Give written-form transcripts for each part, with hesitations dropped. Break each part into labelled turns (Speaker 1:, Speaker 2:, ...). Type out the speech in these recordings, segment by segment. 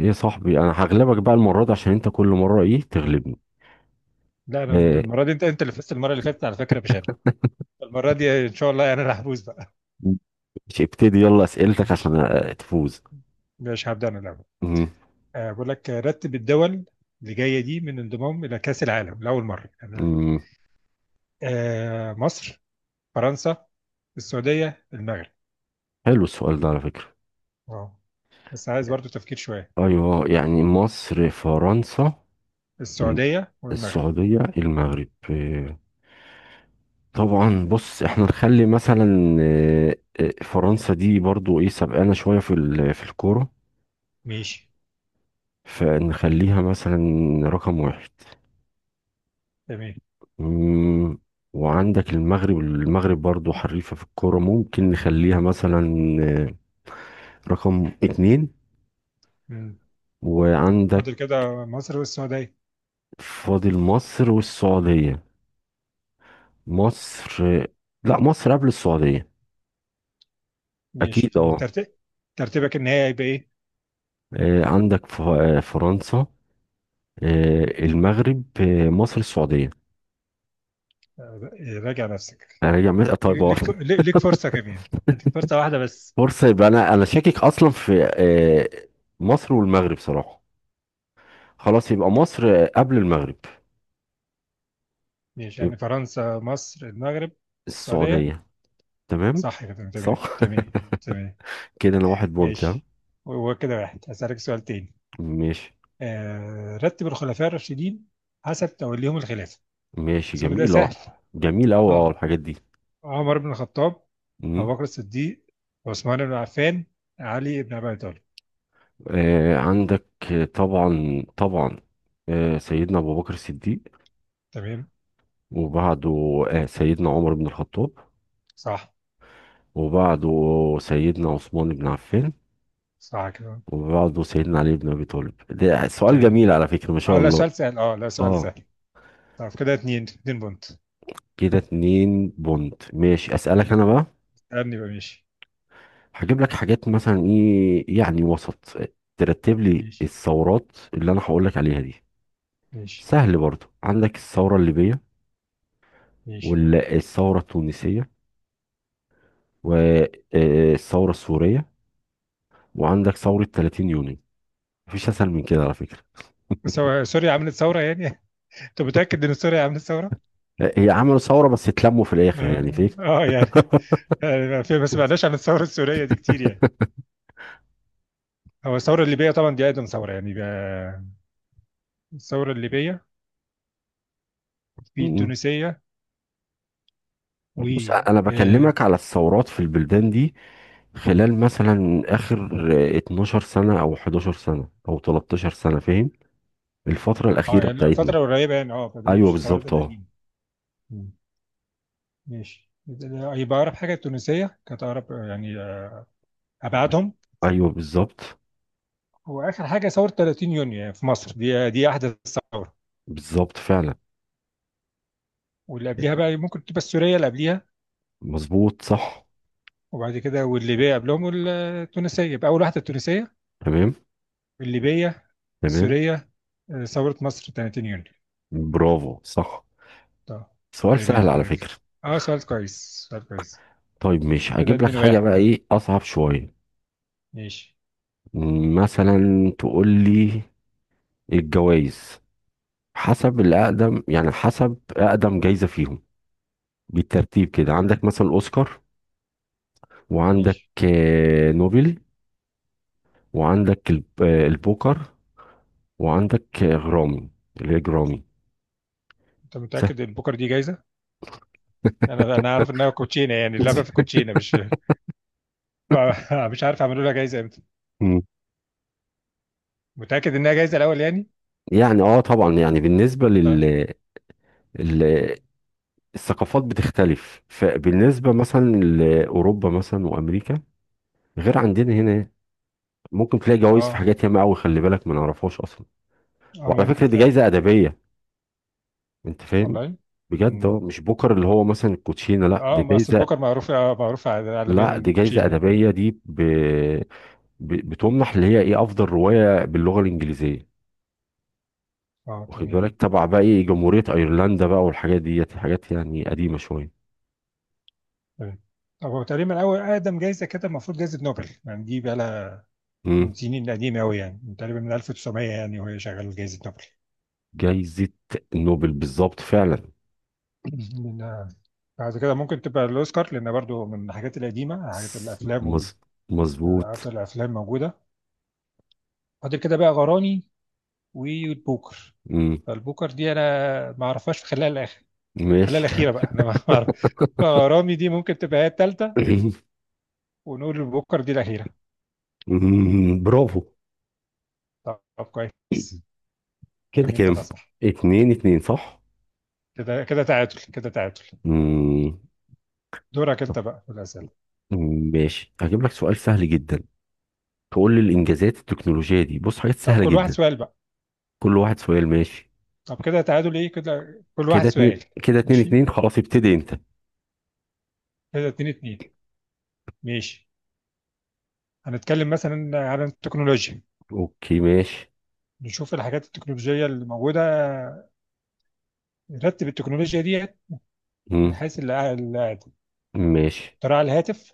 Speaker 1: ايه يا صاحبي، انا هغلبك بقى المره دي عشان انت كل مره ايه تغلبني.
Speaker 2: لا، انا
Speaker 1: آه،
Speaker 2: المره دي انت اللي فزت المره اللي فاتت على فكره، مش انا. المره دي ان شاء الله انا اللي هفوز بقى.
Speaker 1: مش ابتدي يلا اسئلتك
Speaker 2: ماشي.
Speaker 1: عشان تفوز.
Speaker 2: ماشي، هبدا انا الاول.
Speaker 1: مم،
Speaker 2: بقول لك، رتب الدول اللي جايه دي من انضمام الى كاس العالم لاول مره، يعني.
Speaker 1: مم،
Speaker 2: مصر، فرنسا، السعوديه، المغرب.
Speaker 1: حلو السؤال ده على فكره.
Speaker 2: اه، بس عايز برضو تفكير شويه.
Speaker 1: ايوه، يعني مصر فرنسا الم-
Speaker 2: السعوديه والمغرب.
Speaker 1: السعوديه المغرب. طبعا، بص احنا نخلي مثلا فرنسا دي برضو ايه سبقانا شويه في الكوره،
Speaker 2: ماشي.
Speaker 1: فنخليها مثلا رقم واحد.
Speaker 2: تمام.
Speaker 1: مم، وعندك المغرب. المغرب برضو حريفة في الكورة، ممكن نخليها مثلا آه، رقم اتنين.
Speaker 2: مم.
Speaker 1: وعندك،
Speaker 2: فاضل كده مصر والسعوديه.
Speaker 1: فاضل مصر والسعودية. مصر. آه، لا، مصر قبل السعودية.
Speaker 2: ماشي،
Speaker 1: أكيد،
Speaker 2: يعني
Speaker 1: اه.
Speaker 2: ترتيبك النهائي هيبقى ايه؟
Speaker 1: عندك فرنسا، المغرب، مصر، السعودية.
Speaker 2: راجع نفسك.
Speaker 1: أراجع مثلا؟ طيب، اه.
Speaker 2: ليك ف- ليك ليك فرصة كمان. هديك فرصة واحدة بس.
Speaker 1: فرصة. يبقى أنا شاكك أصلا في مصر والمغرب صراحة. خلاص، يبقى مصر قبل المغرب.
Speaker 2: ماشي، يعني
Speaker 1: يبقى
Speaker 2: فرنسا، مصر، المغرب، السعودية.
Speaker 1: السعودية. تمام.
Speaker 2: صح كده. تمام
Speaker 1: صح.
Speaker 2: تمام تمام.
Speaker 1: كده انا واحد بونت، ها؟
Speaker 2: ماشي. هو كده واحد. هسألك سؤال تاني.
Speaker 1: ماشي.
Speaker 2: رتب الخلفاء الراشدين حسب توليهم الخلافة.
Speaker 1: ماشي.
Speaker 2: أظن ده
Speaker 1: جميل، اه.
Speaker 2: سهل.
Speaker 1: جميل اوي، اه،
Speaker 2: اه.
Speaker 1: الحاجات دي.
Speaker 2: عمر بن الخطاب،
Speaker 1: مم.
Speaker 2: أبو بكر الصديق، عثمان بن عفان، علي بن أبي طالب.
Speaker 1: عندك. طبعا، طبعا. سيدنا ابو بكر الصديق.
Speaker 2: تمام.
Speaker 1: وبعده سيدنا عمر بن الخطاب.
Speaker 2: صح.
Speaker 1: وبعده سيدنا عثمان بن عفان.
Speaker 2: صح كده.
Speaker 1: وبعده سيدنا علي بن ابي طالب، ده سؤال
Speaker 2: تمام.
Speaker 1: جميل على فكرة، ما
Speaker 2: اه،
Speaker 1: شاء
Speaker 2: لا
Speaker 1: الله.
Speaker 2: سؤال سهل. اه، لا سؤال
Speaker 1: اه.
Speaker 2: سهل. طب كده اتنين اتنين بونت.
Speaker 1: كده اتنين بونت. ماشي، اسألك انا بقى.
Speaker 2: اسألني بقى. ماشي.
Speaker 1: هجيب لك حاجات مثلا ايه؟ يعني وسط. ترتب لي
Speaker 2: ماشي.
Speaker 1: الثورات اللي انا هقول لك عليها دي.
Speaker 2: ماشي.
Speaker 1: سهل برضو. عندك الثورة الليبية،
Speaker 2: ماشي.
Speaker 1: والثورة التونسية، والثورة السورية، وعندك ثورة 30 يونيو. مفيش اسهل من كده على فكرة.
Speaker 2: سوريا عملت ثورة، يعني. انت متأكد ان سوريا عملت ثورة؟
Speaker 1: هي عملوا ثورة بس اتلموا في الاخر، يعني
Speaker 2: اه.
Speaker 1: فيك.
Speaker 2: يعني. يعني ما سمعناش عن الثورة السورية دي كتير، يعني. هو الثورة الليبية طبعا دي أقدم ثورة، يعني، بقى. الثورة الليبية، في
Speaker 1: م-م.
Speaker 2: التونسية، و.
Speaker 1: بص، انا
Speaker 2: اه،
Speaker 1: بكلمك على الثورات في البلدان دي خلال مثلا اخر 12 سنة او 11 سنة او 13 سنة، فاهم؟ الفترة الأخيرة
Speaker 2: يعني
Speaker 1: بتاعتنا.
Speaker 2: فترة قريبة، يعني، اه، فده
Speaker 1: ايوه،
Speaker 2: مش الثورات
Speaker 1: بالظبط، اه.
Speaker 2: القديمة. مم. ماشي، يبقى أقرب حاجة التونسية كانت أقرب، يعني، أبعدهم.
Speaker 1: ايوه، بالظبط.
Speaker 2: وآخر حاجة ثورة 30 يونيو يعني في مصر، دي أحدث ثورة.
Speaker 1: بالظبط فعلا.
Speaker 2: واللي قبليها بقى ممكن تبقى السورية اللي قبليها.
Speaker 1: مظبوط، صح.
Speaker 2: وبعد كده والليبية قبلهم التونسية، يبقى أول واحدة التونسية.
Speaker 1: تمام،
Speaker 2: الليبية،
Speaker 1: تمام.
Speaker 2: السورية، ثورة مصر 30 يونيو.
Speaker 1: برافو، صح.
Speaker 2: طب.
Speaker 1: سؤال
Speaker 2: تمام
Speaker 1: سهل على
Speaker 2: كده.
Speaker 1: فكرة.
Speaker 2: اه، سؤال كويس، سؤال كويس.
Speaker 1: طيب، مش
Speaker 2: كده
Speaker 1: هجيب لك
Speaker 2: 2
Speaker 1: حاجة
Speaker 2: 1.
Speaker 1: بقى
Speaker 2: كده
Speaker 1: ايه اصعب شوية.
Speaker 2: ماشي.
Speaker 1: مثلا تقول لي الجوائز حسب الأقدم، يعني حسب أقدم جايزة فيهم بالترتيب. كده عندك مثلا أوسكار، وعندك
Speaker 2: ماشي.
Speaker 1: نوبل، وعندك البوكر، وعندك غرامي اللي هي جرامي.
Speaker 2: انت
Speaker 1: سهل.
Speaker 2: متأكد ان بكرة دي جايزة؟ انا عارف انها كوتشينة، يعني اللعبة في كوتشينة، مش. مش عارف اعملوا لها جايزة امتى. متأكد انها جايزة الأول يعني؟
Speaker 1: يعني، اه، طبعا. يعني بالنسبة لل
Speaker 2: اه.
Speaker 1: ال- الثقافات بتختلف، فبالنسبة مثلا لأوروبا مثلا وأمريكا غير عندنا هنا. ممكن تلاقي جوائز في
Speaker 2: اه.
Speaker 1: حاجات ياما قوي، خلي بالك ما نعرفهاش أصلا. وعلى
Speaker 2: ممكن
Speaker 1: فكرة دي
Speaker 2: فعلا.
Speaker 1: جايزة أدبية، أنت فاهم؟
Speaker 2: والله.
Speaker 1: بجد،
Speaker 2: مم.
Speaker 1: اه، مش بوكر اللي هو مثلا الكوتشينة، لا، دي
Speaker 2: اه، ما اصل
Speaker 1: جايزة.
Speaker 2: بكر معروف، معروف عالميا
Speaker 1: لا
Speaker 2: انه
Speaker 1: دي جايزة
Speaker 2: كوتشينة يعني.
Speaker 1: أدبية، دي بتمنح اللي هي إيه أفضل رواية باللغة الإنجليزية.
Speaker 2: اه،
Speaker 1: واخد
Speaker 2: تمام.
Speaker 1: بالك؟ تبع بقى إيه، جمهورية أيرلندا بقى، والحاجات ديت حاجات يعني قديمة شوية.
Speaker 2: تمام. طب، هو تقريبا اول اقدم جايزه كده المفروض جايزه نوبل، يعني دي بقى لها من سنين قديمه قوي، يعني من تقريبا من 1900، يعني وهي شغاله جايزه نوبل.
Speaker 1: جايزة نوبل بالظبط فعلا.
Speaker 2: لأن بعد كده ممكن تبقى الاوسكار، لان برضو من الحاجات القديمه، حاجات
Speaker 1: س-
Speaker 2: الافلام.
Speaker 1: مظ- مظبوط.
Speaker 2: وافضل الافلام موجوده. فاضل كده بقى غرامي والبوكر.
Speaker 1: مم،
Speaker 2: فالبوكر دي انا ما اعرفهاش في خلال
Speaker 1: ماشي.
Speaker 2: الاخيره بقى انا ما اعرف. فغرامي دي ممكن تبقى هي الثالثه. ونقول البوكر دي الاخيره.
Speaker 1: برافو.
Speaker 2: طب، كويس.
Speaker 1: كده
Speaker 2: فاهمين
Speaker 1: كام؟
Speaker 2: طلع صح.
Speaker 1: اتنين اتنين، صح.
Speaker 2: كده تعادل كده تعادل.
Speaker 1: مم،
Speaker 2: دورك
Speaker 1: طب،
Speaker 2: انت بقى في الأسئلة.
Speaker 1: ماشي، هجيب لك سؤال سهل جدا. تقول لي الانجازات التكنولوجية دي، بص حاجات
Speaker 2: طب
Speaker 1: سهلة
Speaker 2: كل واحد
Speaker 1: جدا.
Speaker 2: سؤال بقى.
Speaker 1: كل واحد سؤال، ماشي.
Speaker 2: طب كده تعادل ايه؟ كده كل واحد
Speaker 1: كده
Speaker 2: سؤال.
Speaker 1: اتنين. كده اتنين
Speaker 2: ماشي.
Speaker 1: اتنين خلاص، ابتدي انت.
Speaker 2: كده اتنين اتنين. ماشي. هنتكلم مثلا عن التكنولوجيا.
Speaker 1: اوكي، ماشي.
Speaker 2: نشوف الحاجات التكنولوجية اللي موجودة. نرتب التكنولوجيا دي من
Speaker 1: مم،
Speaker 2: حيث
Speaker 1: ماشي.
Speaker 2: اختراع الهاتف،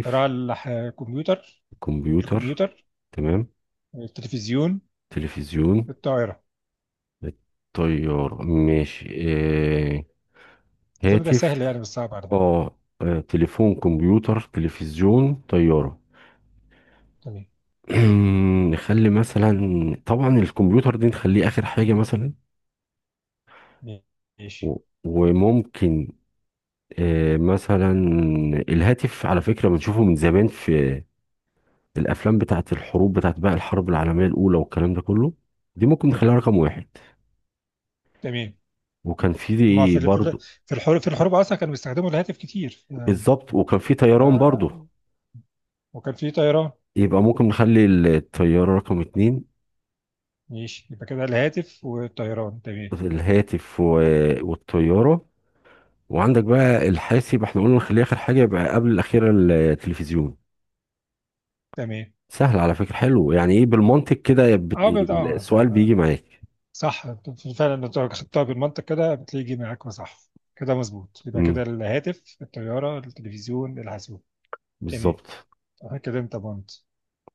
Speaker 2: اختراع الكمبيوتر
Speaker 1: الكمبيوتر،
Speaker 2: الكمبيوتر
Speaker 1: تمام.
Speaker 2: التلفزيون،
Speaker 1: تلفزيون.
Speaker 2: الطائرة.
Speaker 1: الطيار، ماشي.
Speaker 2: أظن ده
Speaker 1: هاتف،
Speaker 2: سهل، يعني مش صعب على فكرة.
Speaker 1: اه. تليفون، كمبيوتر، تلفزيون، طيارة.
Speaker 2: تمام.
Speaker 1: نخلي مثلا، طبعا الكمبيوتر دي نخليه آخر حاجة مثلا.
Speaker 2: ماشي.
Speaker 1: و- وممكن مثلا، الهاتف على فكرة بنشوفه من زمان في الأفلام بتاعت الحروب، بتاعت بقى الحرب العالمية الأولى والكلام ده كله. دي ممكن نخليها رقم واحد.
Speaker 2: تمام.
Speaker 1: وكان
Speaker 2: هما
Speaker 1: في برضه.
Speaker 2: في الحروب أصلا كانوا بيستخدموا الهاتف كتير.
Speaker 1: بالظبط، وكان في
Speaker 2: ف-
Speaker 1: طيران برضه.
Speaker 2: وكان في طيران.
Speaker 1: يبقى ممكن نخلي الطيارة رقم اتنين.
Speaker 2: ماشي، يبقى كده الهاتف والطيران. تمام.
Speaker 1: الهاتف والطيارة. وعندك بقى الحاسب، احنا قلنا نخليه آخر حاجة، يبقى قبل الأخيرة التلفزيون.
Speaker 2: تمام.
Speaker 1: سهل على فكرة، حلو، يعني ايه بالمنطق كده، يا
Speaker 2: اه، اه، صح.
Speaker 1: السؤال بيجي معاك.
Speaker 2: صح. أنت فعلا لو خدتها بالمنطق كده بتلاقي جه معاك وصح. كده مظبوط، يبقى كده
Speaker 1: امم
Speaker 2: الهاتف، الطيارة، التلفزيون، الحاسوب. تمام.
Speaker 1: بالظبط.
Speaker 2: كده انت بونت.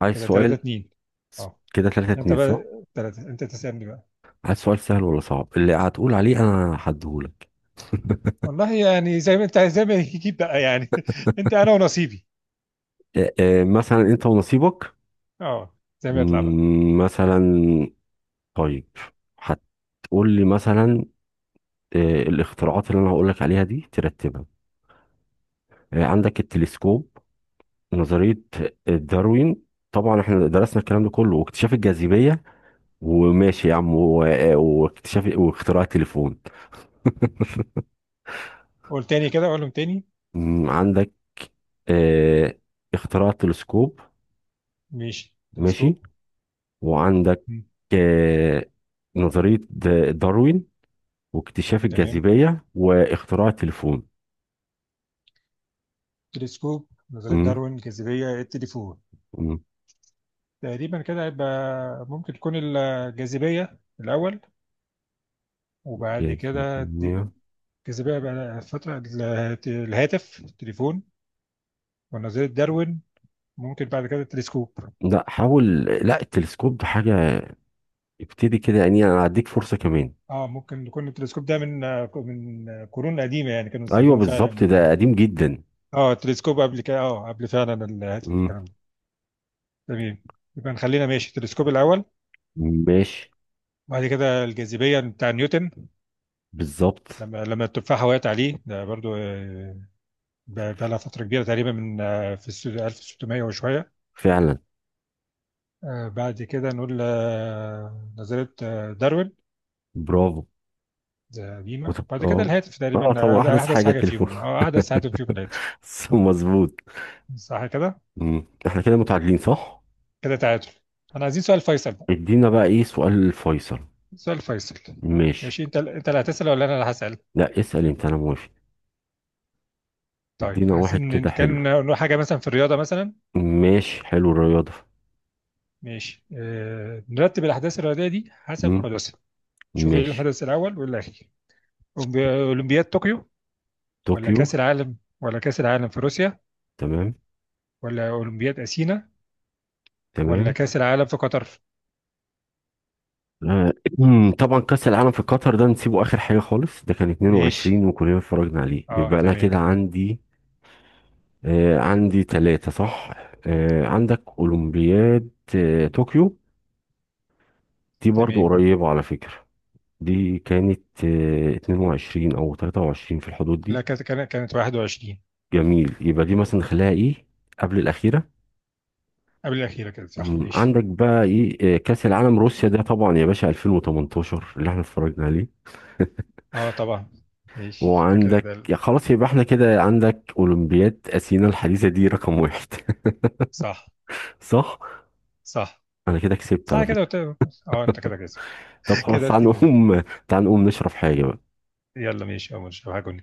Speaker 1: عايز
Speaker 2: كده 3
Speaker 1: سؤال.
Speaker 2: 2. اه،
Speaker 1: كده تلاتة
Speaker 2: انت
Speaker 1: اتنين
Speaker 2: بقى.
Speaker 1: صح؟
Speaker 2: 3، انت تسألني بقى.
Speaker 1: عايز سؤال سهل ولا صعب؟ اللي هتقول عليه أنا هديهولك.
Speaker 2: والله، يعني زي ما يجيب بقى، يعني. انت، انا ونصيبي.
Speaker 1: اه، اه، مثلا أنت ونصيبك.
Speaker 2: اه، زي ما يطلع بقى.
Speaker 1: مثلا، طيب هتقول لي مثلا الاختراعات اللي انا هقول لك عليها دي ترتبها. عندك التلسكوب، نظرية داروين، طبعا احنا درسنا الكلام ده كله، واكتشاف الجاذبية، وماشي يا عم، واكتشاف واختراع التليفون.
Speaker 2: قول تاني كده، قولهم تاني.
Speaker 1: عندك آه، اختراع التلسكوب،
Speaker 2: ماشي، تلسكوب.
Speaker 1: ماشي. وعندك
Speaker 2: مم.
Speaker 1: آه، نظرية داروين، واكتشاف
Speaker 2: تمام.
Speaker 1: الجاذبية، واختراع التليفون.
Speaker 2: تلسكوب، نظرية
Speaker 1: مم،
Speaker 2: داروين، الجاذبية، التليفون.
Speaker 1: مم،
Speaker 2: تقريبا كده هيبقى ممكن تكون الجاذبية الأول. وبعد كده
Speaker 1: جاذبية.
Speaker 2: الجاذبية بقى فترة، الهاتف، التليفون. ونظرية داروين. ممكن بعد كده التلسكوب.
Speaker 1: لا، حاول، لا، التلسكوب ده حاجة ابتدي كده، يعني انا هديك فرصة كمان.
Speaker 2: اه، ممكن يكون التلسكوب ده من قرون قديمة، يعني كانوا
Speaker 1: ايوه،
Speaker 2: بيستخدموا
Speaker 1: بالظبط،
Speaker 2: فعلا.
Speaker 1: ده قديم جدا.
Speaker 2: اه، التلسكوب قبل كده، اه قبل فعلا الهاتف
Speaker 1: مم.
Speaker 2: والكلام ده. تمام. يبقى نخلينا ماشي التلسكوب الأول.
Speaker 1: ماشي.
Speaker 2: بعد كده الجاذبية بتاع نيوتن.
Speaker 1: بالظبط
Speaker 2: لما التفاحة وقعت عليه، ده برضو بقى لها فترة كبيرة تقريبا من، في 1600 وشوية.
Speaker 1: فعلا.
Speaker 2: بعد كده نقول نظرية داروين.
Speaker 1: برافو.
Speaker 2: ده قديمة. بعد كده
Speaker 1: اه.
Speaker 2: الهاتف،
Speaker 1: اه،
Speaker 2: تقريبا
Speaker 1: طبعا
Speaker 2: ده
Speaker 1: احدث
Speaker 2: أحدث
Speaker 1: حاجة
Speaker 2: حاجة
Speaker 1: التليفون.
Speaker 2: فيهم، أو أحدث هاتف فيهم الهاتف.
Speaker 1: صح، مظبوط.
Speaker 2: صح كده؟
Speaker 1: مم. احنا كده متعادلين، صح.
Speaker 2: كده تعادل. أنا عايزين سؤال فيصل بقى.
Speaker 1: ادينا بقى ايه سؤال الفيصل.
Speaker 2: سؤال فيصل.
Speaker 1: ماشي.
Speaker 2: ماشي. أنت اللي هتسأل ولا أنا اللي هسأل؟
Speaker 1: لا اسأل انت، انا موافق.
Speaker 2: طيب،
Speaker 1: ادينا واحد
Speaker 2: عايزين إن
Speaker 1: كده، حلو.
Speaker 2: كان نقول حاجة مثلا في الرياضة مثلا.
Speaker 1: ماشي، حلو الرياضة.
Speaker 2: ماشي. نرتب الأحداث الرياضية دي حسب
Speaker 1: مم.
Speaker 2: حدوثها. شوف إيه
Speaker 1: ماشي.
Speaker 2: الحدث الأول والأخير. أولمبياد طوكيو،
Speaker 1: طوكيو.
Speaker 2: ولا كأس العالم في روسيا،
Speaker 1: تمام،
Speaker 2: ولا أولمبياد أثينا، ولا
Speaker 1: تمام.
Speaker 2: كأس العالم في قطر.
Speaker 1: آه، طبعا كأس العالم في قطر ده نسيبه آخر حاجة خالص، ده كان
Speaker 2: ماشي.
Speaker 1: 22 وكلنا اتفرجنا عليه،
Speaker 2: اه،
Speaker 1: يبقى أنا
Speaker 2: تمام.
Speaker 1: كده عندي عندي ثلاثة، صح. عندك أولمبياد طوكيو، دي برضو
Speaker 2: تمام.
Speaker 1: قريبة على فكرة. دي كانت 22 أو 23 في الحدود
Speaker 2: لا،
Speaker 1: دي.
Speaker 2: كانت 21.
Speaker 1: جميل، يبقى دي مثلا نخليها إيه؟ قبل الأخيرة.
Speaker 2: قبل الأخيرة كده صح. ماشي.
Speaker 1: عندك بقى إيه كأس العالم روسيا، ده طبعا يا باشا 2018 اللي احنا اتفرجنا عليه.
Speaker 2: اه طبعا. ماشي فكده
Speaker 1: وعندك،
Speaker 2: ده
Speaker 1: يا خلاص، يبقى احنا كده عندك اولمبياد اثينا الحديثه دي رقم واحد.
Speaker 2: صح.
Speaker 1: صح.
Speaker 2: صح.
Speaker 1: انا كده كسبت
Speaker 2: صح
Speaker 1: على
Speaker 2: كده
Speaker 1: فكره.
Speaker 2: اه، انت كده كسب.
Speaker 1: طب خلاص،
Speaker 2: كده
Speaker 1: تعال
Speaker 2: اتنين.
Speaker 1: نقوم. تعال نقوم نشرب حاجه بقى.
Speaker 2: يلا ماشي يا مش هجن.